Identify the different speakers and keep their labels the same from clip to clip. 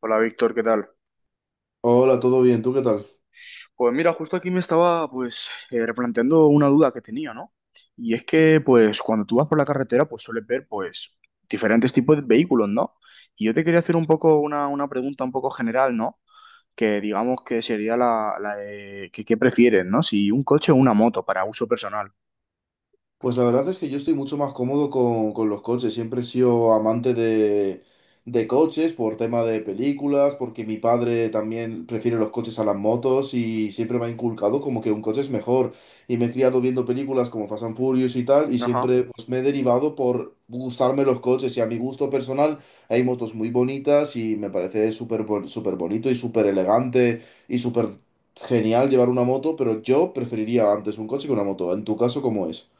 Speaker 1: Hola Víctor, ¿qué tal?
Speaker 2: Hola, ¿todo bien? ¿Tú qué tal?
Speaker 1: Pues mira, justo aquí me estaba replanteando una duda que tenía, ¿no? Y es que pues cuando tú vas por la carretera pues sueles ver pues diferentes tipos de vehículos, ¿no? Y yo te quería hacer un poco una pregunta un poco general, ¿no? Que digamos que sería la de que, ¿qué prefieres, ¿no? Si un coche o una moto para uso personal.
Speaker 2: Pues la verdad es que yo estoy mucho más cómodo con los coches. Siempre he sido amante de coches por tema de películas, porque mi padre también prefiere los coches a las motos y siempre me ha inculcado como que un coche es mejor. Y me he criado viendo películas como Fast and Furious y tal, y
Speaker 1: Ajá.
Speaker 2: siempre pues, me he derivado por gustarme los coches. Y a mi gusto personal hay motos muy bonitas y me parece súper bonito y súper elegante y súper genial llevar una moto, pero yo preferiría antes un coche que una moto. En tu caso, ¿cómo es?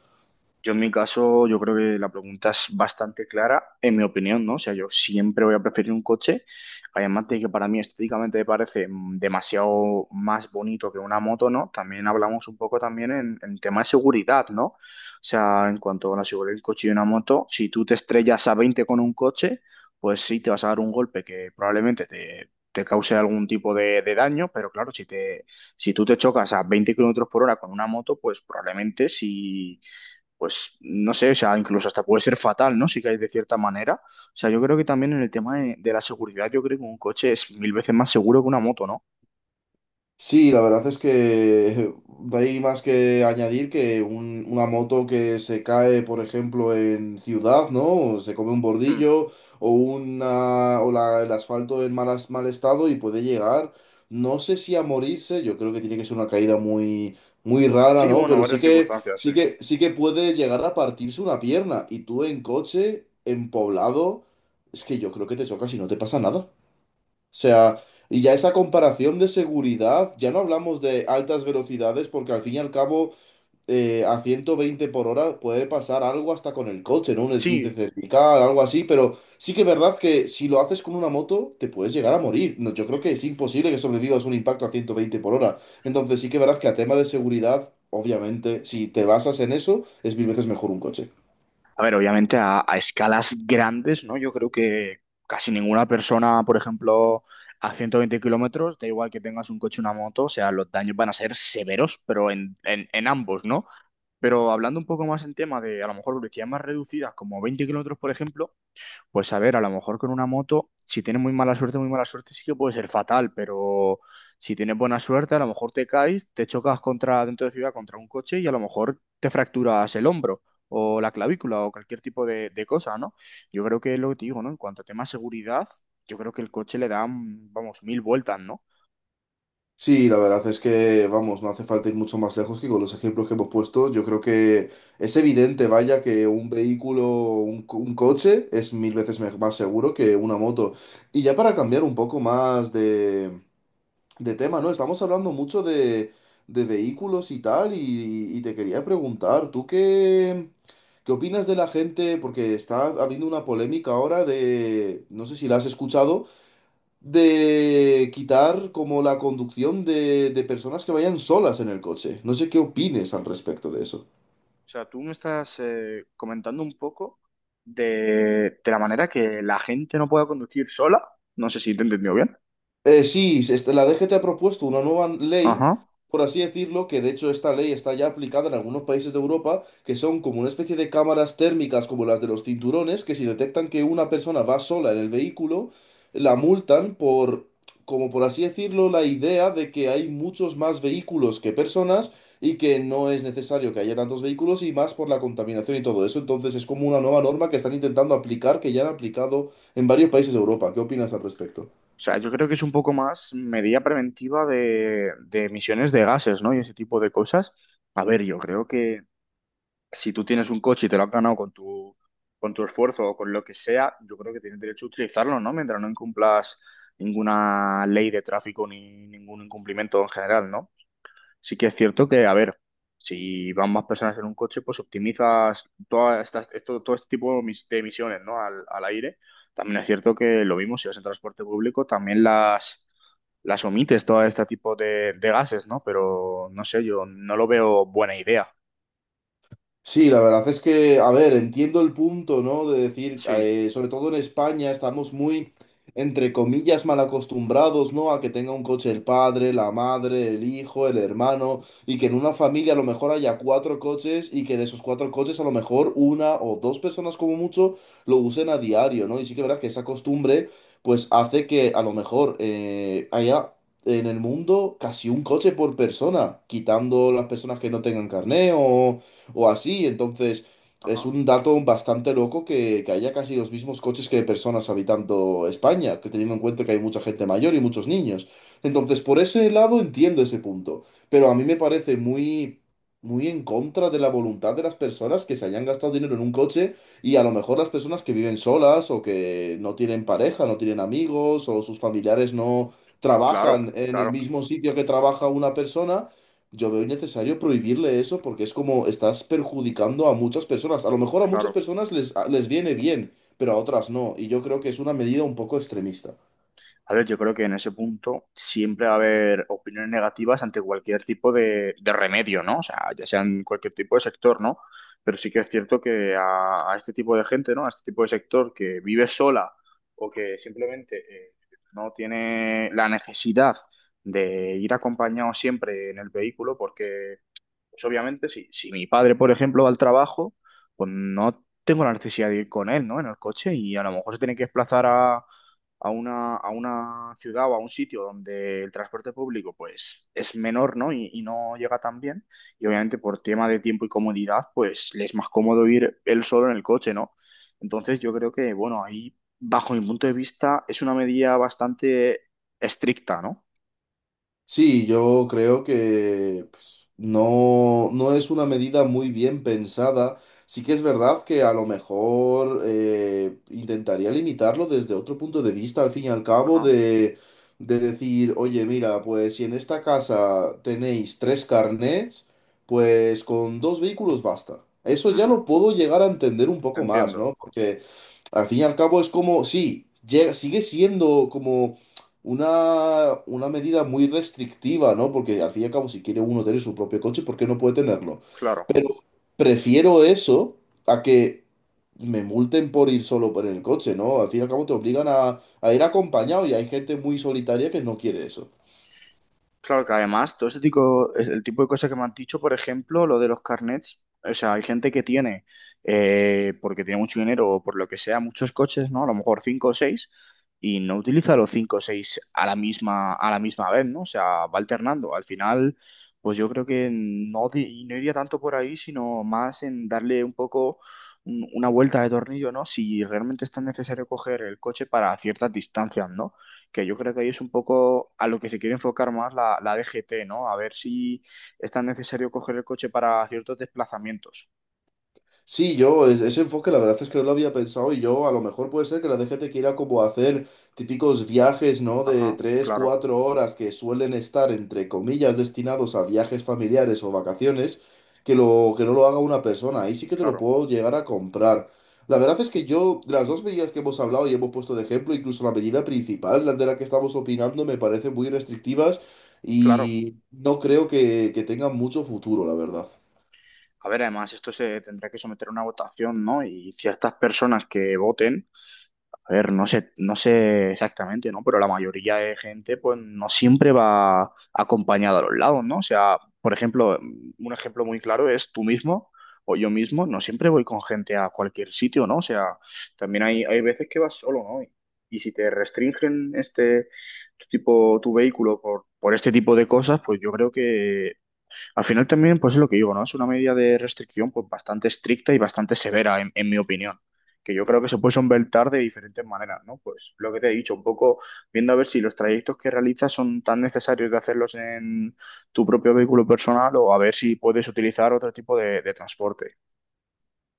Speaker 1: Yo en mi caso, yo creo que la pregunta es bastante clara, en mi opinión, ¿no? O sea, yo siempre voy a preferir un coche, además de que para mí estéticamente me parece demasiado más bonito que una moto, ¿no? También hablamos un poco también en tema de seguridad, ¿no? O sea, en cuanto a la seguridad del coche y una moto, si tú te estrellas a 20 con un coche, pues sí, te vas a dar un golpe que probablemente te cause algún tipo de daño, pero claro, si tú te chocas a 20 kilómetros por hora con una moto, pues probablemente si, pues no sé, o sea, incluso hasta puede ser fatal, ¿no? Si caes de cierta manera. O sea, yo creo que también en el tema de la seguridad, yo creo que un coche es mil veces más seguro que una moto, ¿no?
Speaker 2: Sí, la verdad es que no hay más que añadir que una moto que se cae, por ejemplo, en ciudad, ¿no? O se come un
Speaker 1: Mm.
Speaker 2: bordillo o el asfalto en mal estado y puede llegar, no sé si a morirse. Yo creo que tiene que ser una caída muy, muy rara,
Speaker 1: Sí,
Speaker 2: ¿no?
Speaker 1: bueno,
Speaker 2: Pero sí
Speaker 1: varias
Speaker 2: que,
Speaker 1: circunstancias, sí.
Speaker 2: sí que, sí que puede llegar a partirse una pierna, y tú en coche, en poblado, es que yo creo que te chocas y no te pasa nada. O sea, y ya esa comparación de seguridad, ya no hablamos de altas velocidades, porque al fin y al cabo, a 120 por hora puede pasar algo hasta con el coche, ¿no? Un esguince
Speaker 1: Sí.
Speaker 2: cervical, algo así, pero sí que es verdad que si lo haces con una moto, te puedes llegar a morir. No, yo creo que es imposible que sobrevivas un impacto a 120 por hora. Entonces sí que es verdad que a tema de seguridad, obviamente, si te basas en eso, es mil veces mejor un coche.
Speaker 1: A ver, obviamente a escalas grandes, ¿no? Yo creo que casi ninguna persona, por ejemplo, a 120 kilómetros, da igual que tengas un coche o una moto, o sea, los daños van a ser severos, pero en ambos, ¿no? Pero hablando un poco más en tema de, a lo mejor, velocidades más reducidas, como 20 kilómetros, por ejemplo, pues a ver, a lo mejor con una moto, si tienes muy mala suerte sí que puede ser fatal, pero si tienes buena suerte, a lo mejor te caes, te chocas contra dentro de ciudad contra un coche y a lo mejor te fracturas el hombro o la clavícula o cualquier tipo de cosa, ¿no? Yo creo que es lo que te digo, ¿no? En cuanto a tema seguridad, yo creo que el coche le da, mm, vamos, mil vueltas, ¿no?
Speaker 2: Sí, la verdad es que, vamos, no hace falta ir mucho más lejos que con los ejemplos que hemos puesto. Yo creo que es evidente, vaya,
Speaker 1: Eh,
Speaker 2: que un vehículo, un coche es mil veces más seguro que una moto. Y ya para cambiar un poco más de tema, ¿no? Estamos hablando mucho de vehículos y tal, y te quería preguntar, ¿tú qué, qué opinas de la gente? Porque está habiendo una polémica ahora de, no sé si la has escuchado, de quitar como la conducción de personas que vayan solas en el coche. No sé qué opines al respecto de eso.
Speaker 1: O sea, tú me estás comentando un poco de la manera que la gente no pueda conducir sola. No sé si te he entendido bien.
Speaker 2: La DGT ha propuesto una nueva ley,
Speaker 1: Ajá.
Speaker 2: por así decirlo, que de hecho esta ley está ya aplicada en algunos países de Europa, que son como una especie de cámaras térmicas como las de los cinturones, que si detectan que una persona va sola en el vehículo, la multan por, como por así decirlo, la idea de que hay muchos más vehículos que personas y que no es necesario que haya tantos vehículos, y más por la contaminación y todo eso. Entonces es como una nueva norma que están intentando aplicar, que ya han aplicado en varios países de Europa. ¿Qué opinas al respecto?
Speaker 1: O sea, yo creo que es un poco más medida preventiva de emisiones de gases, ¿no? Y ese tipo de cosas. A ver, yo creo que si tú tienes un coche y te lo has ganado con con tu esfuerzo o con lo que sea, yo creo que tienes derecho a utilizarlo, ¿no? Mientras no incumplas ninguna ley de tráfico ni ningún incumplimiento en general, ¿no? Sí que es cierto que, a ver, si van más personas en un coche, pues optimizas todas estas, esto, todo este tipo de de emisiones, ¿no? al aire. También es cierto que lo mismo, si vas en transporte público, también las omites todo este tipo de gases, ¿no? Pero no sé, yo no lo veo buena idea.
Speaker 2: Sí, la verdad es que, a ver, entiendo el punto, ¿no? De decir,
Speaker 1: Sí,
Speaker 2: sobre todo en España, estamos muy, entre comillas, mal acostumbrados, ¿no? A que tenga un coche el padre, la madre, el hijo, el hermano, y que en una familia a lo mejor haya cuatro coches y que de esos cuatro coches a lo mejor una o dos personas como mucho lo usen a diario, ¿no? Y sí que es verdad que esa costumbre pues hace que a lo mejor haya... En el mundo, casi un coche por persona, quitando las personas que no tengan carné o así. Entonces, es
Speaker 1: ajá.
Speaker 2: un dato bastante loco que haya casi los mismos coches que personas habitando España, que teniendo en cuenta que hay mucha gente mayor y muchos niños. Entonces, por ese lado entiendo ese punto, pero a mí me parece muy... muy en contra de la voluntad de las personas que se hayan gastado dinero en un coche, y a lo mejor las personas que viven solas o que no tienen pareja, no tienen amigos o sus familiares no
Speaker 1: Claro,
Speaker 2: trabajan en el
Speaker 1: claro,
Speaker 2: mismo sitio que trabaja una persona, yo veo innecesario prohibirle eso porque es como estás perjudicando a muchas personas. A lo mejor a muchas
Speaker 1: claro.
Speaker 2: personas les viene bien, pero a otras no. Y yo creo que es una medida un poco extremista.
Speaker 1: A ver, yo creo que en ese punto siempre va a haber opiniones negativas ante cualquier tipo de remedio, ¿no? O sea, ya sean cualquier tipo de sector, ¿no? Pero sí que es cierto que a este tipo de gente, ¿no? A este tipo de sector que vive sola o que simplemente no tiene la necesidad de ir acompañado siempre en el vehículo, porque, pues obviamente, si mi padre, por ejemplo, va al trabajo, pues no tengo la necesidad de ir con él, ¿no? En el coche y a lo mejor se tiene que desplazar a una ciudad o a un sitio donde el transporte público pues es menor, ¿no? Y no llega tan bien. Y obviamente por tema de tiempo y comodidad, pues le es más cómodo ir él solo en el coche, ¿no? Entonces yo creo que, bueno, ahí, bajo mi punto de vista, es una medida bastante estricta, ¿no?
Speaker 2: Sí, yo creo que pues, no, no es una medida muy bien pensada. Sí que es verdad que a lo mejor intentaría limitarlo desde otro punto de vista, al fin y al cabo,
Speaker 1: Ajá.
Speaker 2: de decir, oye, mira, pues si en esta casa tenéis tres carnets, pues con dos vehículos basta. Eso ya
Speaker 1: Ujú.
Speaker 2: lo puedo llegar a entender un poco más,
Speaker 1: Entiendo,
Speaker 2: ¿no? Porque al fin y al cabo es como, sí, sigue siendo como una medida muy restrictiva, ¿no? Porque al fin y al cabo, si quiere uno tener su propio coche, ¿por qué no puede tenerlo?
Speaker 1: claro.
Speaker 2: Prefiero eso a que me multen por ir solo por el coche, ¿no? Al fin y al cabo te obligan a ir acompañado y hay gente muy solitaria que no quiere eso.
Speaker 1: Claro que además, todo ese tipo, es el tipo de cosas que me han dicho, por ejemplo, lo de los carnets, o sea, hay gente que tiene, porque tiene mucho dinero o por lo que sea, muchos coches, ¿no? A lo mejor cinco o seis, y no utiliza los cinco o seis a a la misma vez, ¿no? O sea, va alternando. Al final, pues yo creo que no, no iría tanto por ahí, sino más en darle un poco una vuelta de tornillo, ¿no? Si realmente es tan necesario coger el coche para ciertas distancias, ¿no? Que yo creo que ahí es un poco a lo que se quiere enfocar más la DGT, ¿no? A ver si es tan necesario coger el coche para ciertos desplazamientos.
Speaker 2: Sí, ese enfoque la verdad es que no lo había pensado, y yo a lo mejor puede ser que la DGT quiera como hacer típicos viajes, ¿no? De
Speaker 1: Ajá,
Speaker 2: 3,
Speaker 1: claro,
Speaker 2: 4 horas que suelen estar, entre comillas, destinados a viajes familiares o vacaciones, que, lo, que no lo haga una persona. Ahí sí que te lo
Speaker 1: claro,
Speaker 2: puedo llegar a comprar. La verdad es que yo, de las dos medidas que hemos hablado y hemos puesto de ejemplo, incluso la medida principal, la de la que estamos opinando, me parece muy restrictivas
Speaker 1: claro.
Speaker 2: y no creo que tengan mucho futuro, la verdad.
Speaker 1: A ver, además, esto se tendrá que someter a una votación, ¿no? Y ciertas personas que voten a ver, no sé, no sé exactamente, ¿no? Pero la mayoría de gente, pues, no siempre va acompañada a los lados, ¿no? O sea, por ejemplo, un ejemplo muy claro es tú mismo o yo mismo, no siempre voy con gente a cualquier sitio, ¿no? O sea, también hay veces que vas solo, ¿no? Y si te restringen este tu tipo, tu vehículo por este tipo de cosas, pues yo creo que al final también, pues es lo que digo, ¿no? Es una medida de restricción pues bastante estricta y bastante severa, en mi opinión, que yo creo que se puede solventar de diferentes maneras, ¿no? Pues lo que te he dicho, un poco viendo a ver si los trayectos que realizas son tan necesarios de hacerlos en tu propio vehículo personal o a ver si puedes utilizar otro tipo de transporte.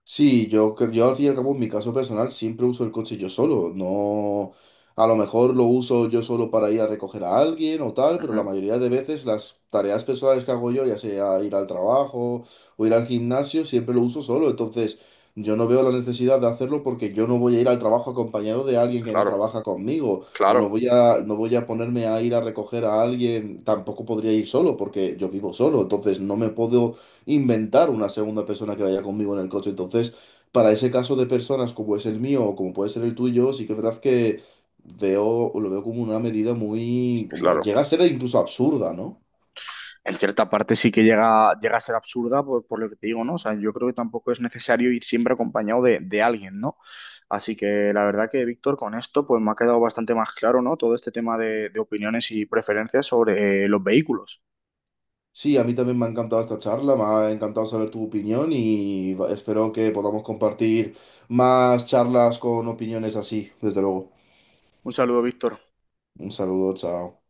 Speaker 2: Sí, yo al fin y al cabo, en mi caso personal, siempre uso el coche yo solo. No, a lo mejor lo uso yo solo para ir a recoger a alguien o tal, pero la
Speaker 1: Ujú,
Speaker 2: mayoría de veces las tareas personales que hago yo, ya sea ir al trabajo o ir al gimnasio, siempre lo uso solo. Entonces, yo no veo la necesidad de hacerlo porque yo no voy a ir al trabajo acompañado de alguien que no
Speaker 1: claro,
Speaker 2: trabaja conmigo o
Speaker 1: claro,
Speaker 2: no voy a ponerme a ir a recoger a alguien. Tampoco podría ir solo porque yo vivo solo. Entonces, no me puedo inventar una segunda persona que vaya conmigo en el coche. Entonces, para ese caso de personas como es el mío o como puede ser el tuyo, sí que es verdad que veo, lo veo como una medida muy, como
Speaker 1: claro.
Speaker 2: llega a ser incluso absurda, ¿no?
Speaker 1: En cierta parte sí que llega, llega a ser absurda por lo que te digo, ¿no? O sea, yo creo que tampoco es necesario ir siempre acompañado de alguien, ¿no? Así que la verdad que, Víctor, con esto pues me ha quedado bastante más claro, ¿no? Todo este tema de opiniones y preferencias sobre los vehículos.
Speaker 2: Sí, a mí también me ha encantado esta charla, me ha encantado saber tu opinión y espero que podamos compartir más charlas con opiniones así, desde luego.
Speaker 1: Un saludo, Víctor.
Speaker 2: Un saludo, chao.